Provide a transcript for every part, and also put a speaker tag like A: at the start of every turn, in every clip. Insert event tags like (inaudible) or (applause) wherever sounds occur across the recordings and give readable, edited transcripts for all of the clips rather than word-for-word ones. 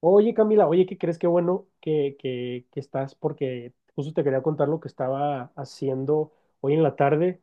A: Oye, Camila, oye, ¿qué crees? Qué bueno que estás, porque justo te quería contar lo que estaba haciendo hoy en la tarde.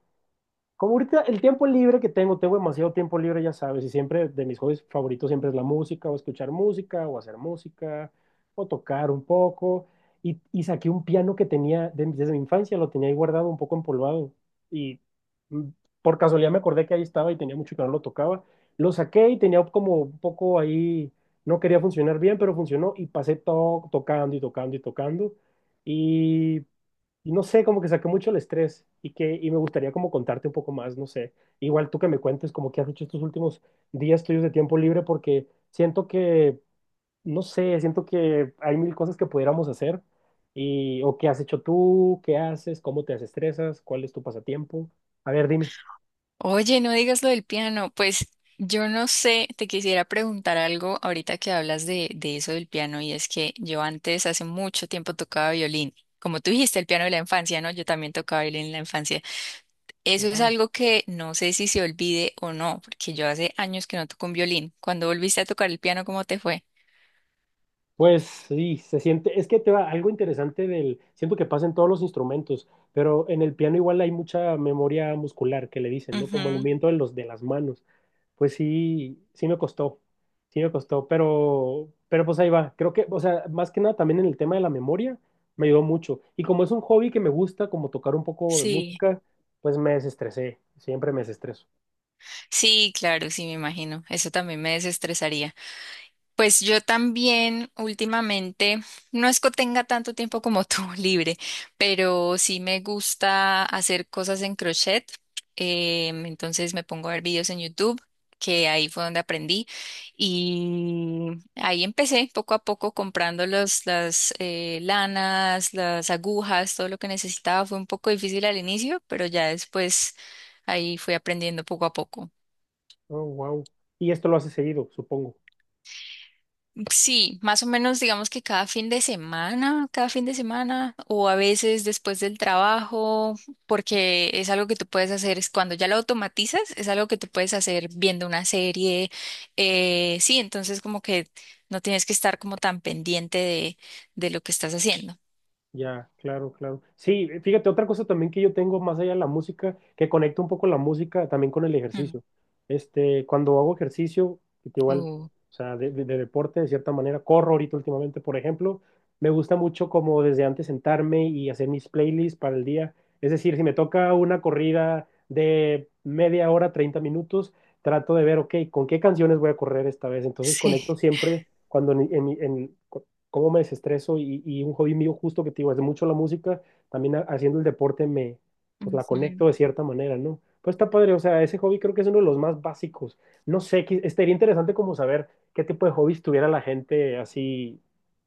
A: Como ahorita el tiempo libre que tengo, tengo demasiado tiempo libre, ya sabes, y siempre de mis hobbies favoritos siempre es la música, o escuchar música, o hacer música, o tocar un poco. Y saqué un piano que desde mi infancia, lo tenía ahí guardado un poco empolvado. Y mm, por casualidad me acordé que ahí estaba y tenía mucho que no lo tocaba. Lo saqué y tenía como un poco ahí, no quería funcionar bien, pero funcionó y pasé tocando y tocando y tocando. Y y no sé, como que saqué mucho el estrés y que y me gustaría como contarte un poco más, no sé. Igual tú que me cuentes como que has hecho estos últimos días tuyos de tiempo libre porque siento que, no sé, siento que hay mil cosas que pudiéramos hacer y o qué has hecho tú, qué haces, cómo te desestresas, cuál es tu pasatiempo. A ver, dime.
B: Oye, no digas lo del piano. Pues yo no sé, te quisiera preguntar algo ahorita que hablas de eso del piano, y es que yo antes, hace mucho tiempo, tocaba violín. Como tú dijiste, el piano de la infancia, ¿no? Yo también tocaba violín en la infancia. Eso es
A: Wow.
B: algo que no sé si se olvide o no, porque yo hace años que no toco un violín. Cuando volviste a tocar el piano, ¿cómo te fue?
A: Pues sí, se siente, es que te va algo interesante del, siento que pasa en todos los instrumentos, pero en el piano igual hay mucha memoria muscular que le dicen, ¿no? Como el
B: Ujú.
A: movimiento de los de las manos. Pues sí, sí me costó, pero pues ahí va. Creo que, o sea, más que nada también en el tema de la memoria me ayudó mucho. Y como es un hobby que me gusta, como tocar un poco de
B: Sí,
A: música, pues me desestresé, siempre me desestreso.
B: sí, claro, sí, me imagino. Eso también me desestresaría. Pues yo también últimamente, no es que tenga tanto tiempo como tú (laughs) libre, pero sí me gusta hacer cosas en crochet. Entonces me pongo a ver videos en YouTube, que ahí fue donde aprendí. Y ahí empecé poco a poco comprando los, las lanas, las agujas, todo lo que necesitaba. Fue un poco difícil al inicio, pero ya después ahí fui aprendiendo poco a poco.
A: Oh, wow. Y esto lo hace seguido, supongo.
B: Sí, más o menos digamos que cada fin de semana, cada fin de semana, o a veces después del trabajo, porque es algo que tú puedes hacer, es cuando ya lo automatizas, es algo que tú puedes hacer viendo una serie, sí, entonces como que no tienes que estar como tan pendiente de lo que estás haciendo.
A: Ya, claro, claro. Sí, fíjate, otra cosa también que yo tengo más allá de la música, que conecto un poco la música también con el
B: Mm,
A: ejercicio. Este, cuando hago ejercicio, que igual,
B: uh,
A: o sea, de deporte de cierta manera, corro ahorita últimamente, por ejemplo, me gusta mucho como desde antes sentarme y hacer mis playlists para el día. Es decir, si me toca una corrida de media hora, 30 minutos, trato de ver, ok, ¿con qué canciones voy a correr esta vez? Entonces
B: sí.
A: conecto siempre cuando cómo me desestreso y un hobby mío justo que te digo, es mucho la música, también haciendo el deporte me, pues la
B: Ujú.
A: conecto de cierta manera, ¿no? Pues está padre, o sea, ese hobby creo que es uno de los más básicos. No sé, estaría interesante como saber qué tipo de hobbies tuviera la gente así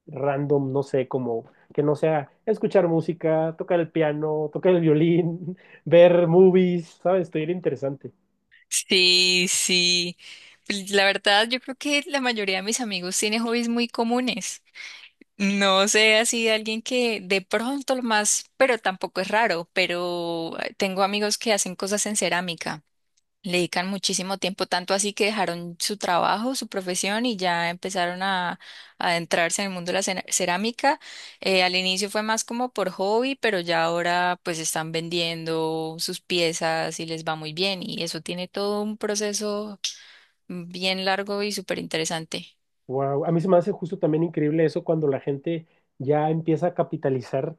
A: random, no sé, como que no sea escuchar música, tocar el piano, tocar el violín, (laughs) ver movies, ¿sabes? Estaría interesante.
B: Sí, sí. Pues, la verdad, yo creo que la mayoría de mis amigos tiene hobbies muy comunes. No sé, así de alguien que de pronto lo más, pero tampoco es raro, pero tengo amigos que hacen cosas en cerámica, le dedican muchísimo tiempo, tanto así que dejaron su trabajo, su profesión y ya empezaron a adentrarse en el mundo de la cerámica. Al inicio fue más como por hobby, pero ya ahora pues están vendiendo sus piezas y les va muy bien, y eso tiene todo un proceso bien largo y súper interesante.
A: Wow, a mí se me hace justo también increíble eso cuando la gente ya empieza a capitalizar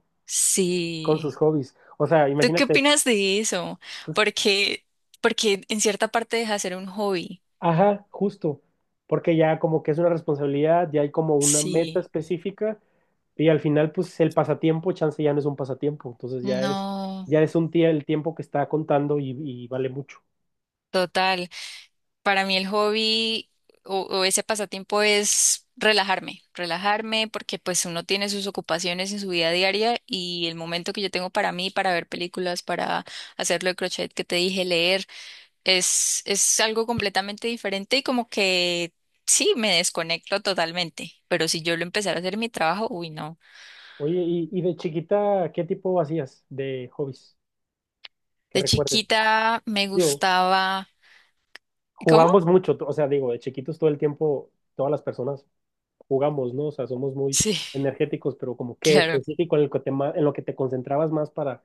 A: con sus
B: Sí.
A: hobbies. O sea,
B: ¿Tú qué
A: imagínate,
B: opinas de eso?
A: pues,
B: Porque, Porque en cierta parte deja de ser un hobby.
A: ajá, justo, porque ya como que es una responsabilidad, ya hay como una meta
B: Sí,
A: específica y al final pues el pasatiempo, chance ya no es un pasatiempo, entonces
B: no,
A: ya es un día el tiempo que está contando y vale mucho.
B: total. Para mí el hobby o ese pasatiempo es relajarme, relajarme, porque pues uno tiene sus ocupaciones en su vida diaria, y el momento que yo tengo para mí, para ver películas, para hacerlo de crochet que te dije, leer, es algo completamente diferente, y como que sí, me desconecto totalmente. Pero si yo lo empezara a hacer mi trabajo, uy, no.
A: Oye, y de chiquita, ¿qué tipo hacías de hobbies que
B: De
A: recuerdes?
B: chiquita me
A: Digo,
B: gustaba... ¿Cómo?
A: jugamos mucho, o sea, digo, de chiquitos todo el tiempo, todas las personas jugamos, ¿no? O sea, somos muy
B: Sí,
A: energéticos, pero como
B: (laughs)
A: que
B: claro.
A: específico en el que en lo que te concentrabas más para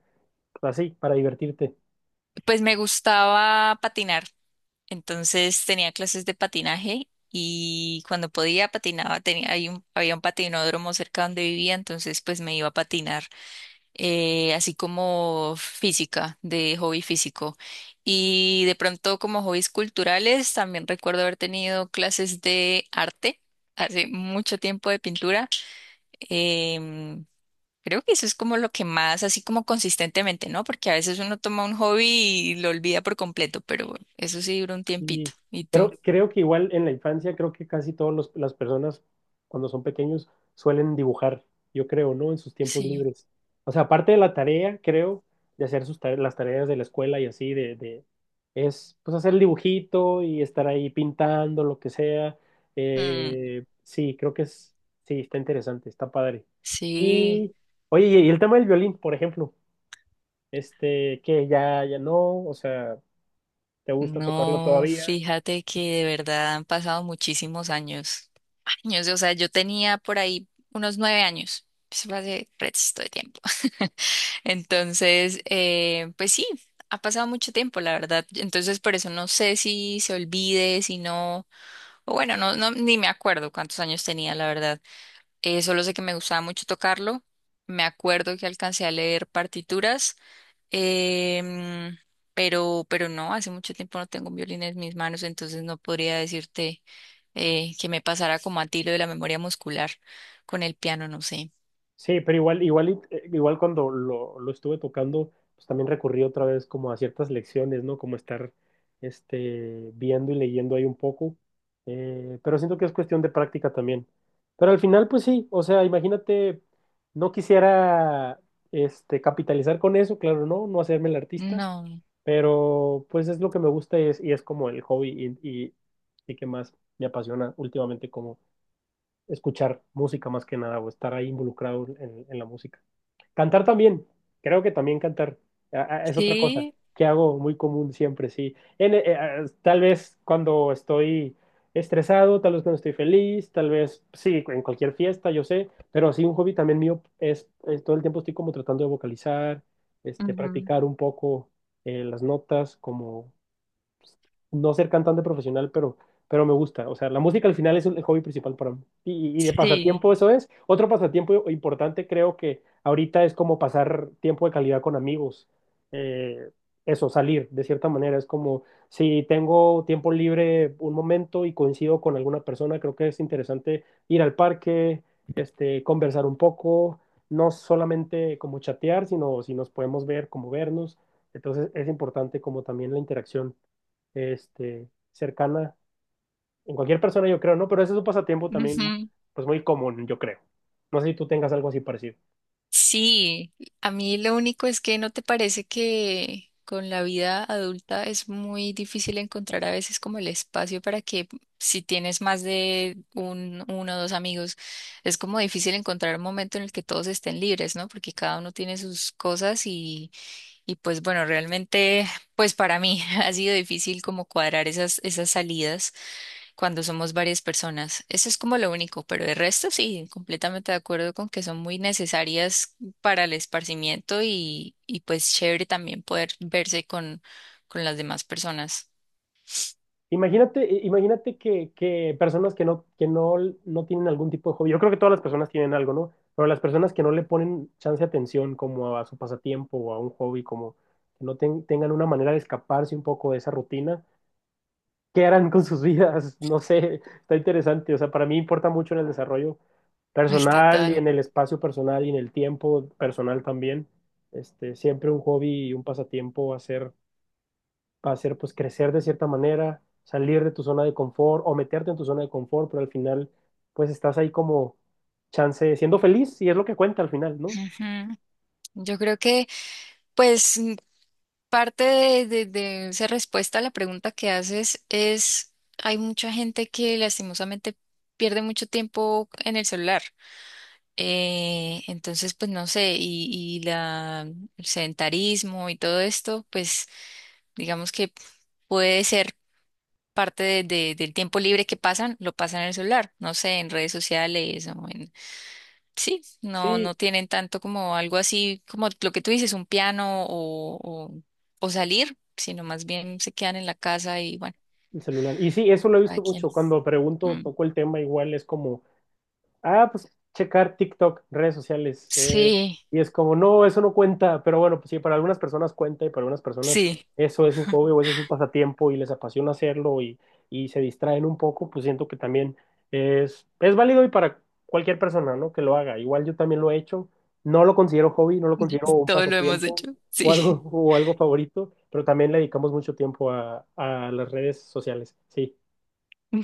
A: así, para divertirte.
B: Pues me gustaba patinar. Entonces tenía clases de patinaje, y cuando podía patinaba. Tenía, hay había un patinódromo cerca donde vivía, entonces pues me iba a patinar. Así como física, de hobby físico. Y de pronto como hobbies culturales, también recuerdo haber tenido clases de arte. Hace mucho tiempo de pintura. Em, Creo que eso es como lo que más, así como consistentemente, ¿no? Porque a veces uno toma un hobby y lo olvida por completo, pero eso sí dura un tiempito.
A: Sí,
B: ¿Y
A: creo,
B: tú?
A: creo que igual en la infancia, creo que casi todas las personas cuando son pequeños suelen dibujar, yo creo, ¿no? En sus tiempos
B: Sí.
A: libres. O sea, aparte de la tarea, creo, de hacer las tareas de la escuela y así, es pues hacer el dibujito y estar ahí pintando, lo que sea.
B: Mm,
A: Sí, creo que es, sí, está interesante, está padre.
B: sí.
A: Y, oye, y el tema del violín, por ejemplo, este, que ya no, o sea... ¿Te gusta tocarlo No.
B: No,
A: todavía?
B: fíjate que de verdad han pasado muchísimos años. Años, o sea, yo tenía por ahí unos nueve años. Eso fue hace resto de tiempo. (laughs) Entonces, pues sí, ha pasado mucho tiempo, la verdad. Entonces, por eso no sé si se olvide, si no. O bueno, no, no, ni me acuerdo cuántos años tenía, la verdad. Solo sé que me gustaba mucho tocarlo. Me acuerdo que alcancé a leer partituras, em, pero no, hace mucho tiempo no tengo un violín en mis manos, entonces no podría decirte que me pasara como a ti lo de la memoria muscular con el piano, no sé.
A: Sí, pero igual, igual, igual cuando lo estuve tocando, pues también recurrí otra vez como a ciertas lecciones, ¿no? Como estar este, viendo y leyendo ahí un poco. Pero siento que es cuestión de práctica también. Pero al final, pues sí, o sea, imagínate, no quisiera este, capitalizar con eso, claro, no, no hacerme el artista,
B: No,
A: pero pues es lo que me gusta y es como el hobby y que más me apasiona últimamente como escuchar música más que nada o estar ahí involucrado en la música. Cantar también, creo que también cantar ah, es otra cosa
B: sí,
A: que hago muy común siempre, sí. Tal vez cuando estoy estresado, tal vez cuando estoy feliz, tal vez, sí, en cualquier fiesta, yo sé, pero sí, un hobby también mío es todo el tiempo estoy como tratando de vocalizar, este,
B: ujú.
A: practicar un poco las notas, como no ser cantante profesional, pero me gusta. O sea, la música al final es el hobby principal para mí. Y de
B: Sí.
A: pasatiempo eso es. Otro pasatiempo importante creo que ahorita es como pasar tiempo de calidad con amigos. Eh, eso, salir de cierta manera. Es como si tengo tiempo libre un momento y coincido con alguna persona, creo que es interesante ir al parque, este, conversar un poco, no solamente como chatear, sino si nos podemos ver, como vernos. Entonces es importante como también la interacción este, cercana en cualquier persona, yo creo, ¿no? Pero ese es un pasatiempo también,
B: Ujú.
A: pues muy común, yo creo. No sé si tú tengas algo así parecido.
B: Sí, a mí lo único es que no te parece que con la vida adulta es muy difícil encontrar a veces como el espacio para que si tienes más de uno o dos amigos, es como difícil encontrar un momento en el que todos estén libres, ¿no? Porque cada uno tiene sus cosas, y pues bueno, realmente, pues para mí (laughs) ha sido difícil como cuadrar esas salidas cuando somos varias personas. Eso es como lo único, pero el resto sí, completamente de acuerdo con que son muy necesarias para el esparcimiento, y pues chévere también poder verse con las demás personas.
A: Imagínate, imagínate que personas que no tienen algún tipo de hobby, yo creo que todas las personas tienen algo, ¿no? Pero las personas que no le ponen chance de atención como a su pasatiempo o a un hobby, como que no tengan una manera de escaparse un poco de esa rutina qué harán con sus vidas, no sé, está interesante, o sea, para mí importa mucho en el desarrollo
B: Ay,
A: personal y
B: total.
A: en el espacio personal y en el tiempo personal también. Este, siempre un hobby y un pasatiempo va a ser pues crecer de cierta manera, salir de tu zona de confort o meterte en tu zona de confort, pero al final pues estás ahí como chance siendo feliz y es lo que cuenta al final, ¿no?
B: Ujú. Yo creo que pues mm, parte de esa respuesta a la pregunta que haces es, hay mucha gente que lastimosamente pierde mucho tiempo en el celular. Entonces, pues no sé, y la, el sedentarismo y todo esto, pues digamos que puede ser parte del tiempo libre que pasan, lo pasan en el celular, no sé, en redes sociales o en... Sí, no,
A: Sí,
B: no tienen tanto como algo así, como lo que tú dices, un piano o salir, sino más bien se quedan en la casa y bueno,
A: el celular. Y sí, eso lo he
B: cada
A: visto
B: quien.
A: mucho cuando pregunto,
B: Mm.
A: toco el tema igual es como ah, pues checar TikTok, redes sociales. Eh,
B: Sí,
A: y es como, no, eso no cuenta, pero bueno, pues sí, para algunas personas cuenta y para algunas personas
B: sí,
A: eso es un hobby o ese es un pasatiempo y les apasiona hacerlo y se distraen un poco, pues siento que también es válido y para cualquier persona, ¿no? Que lo haga. Igual yo también lo he hecho, no lo considero hobby, no lo considero
B: (laughs)
A: un
B: todo lo hemos
A: pasatiempo
B: hecho, sí.
A: o algo favorito, pero también le dedicamos mucho tiempo a las redes sociales, sí.
B: (laughs)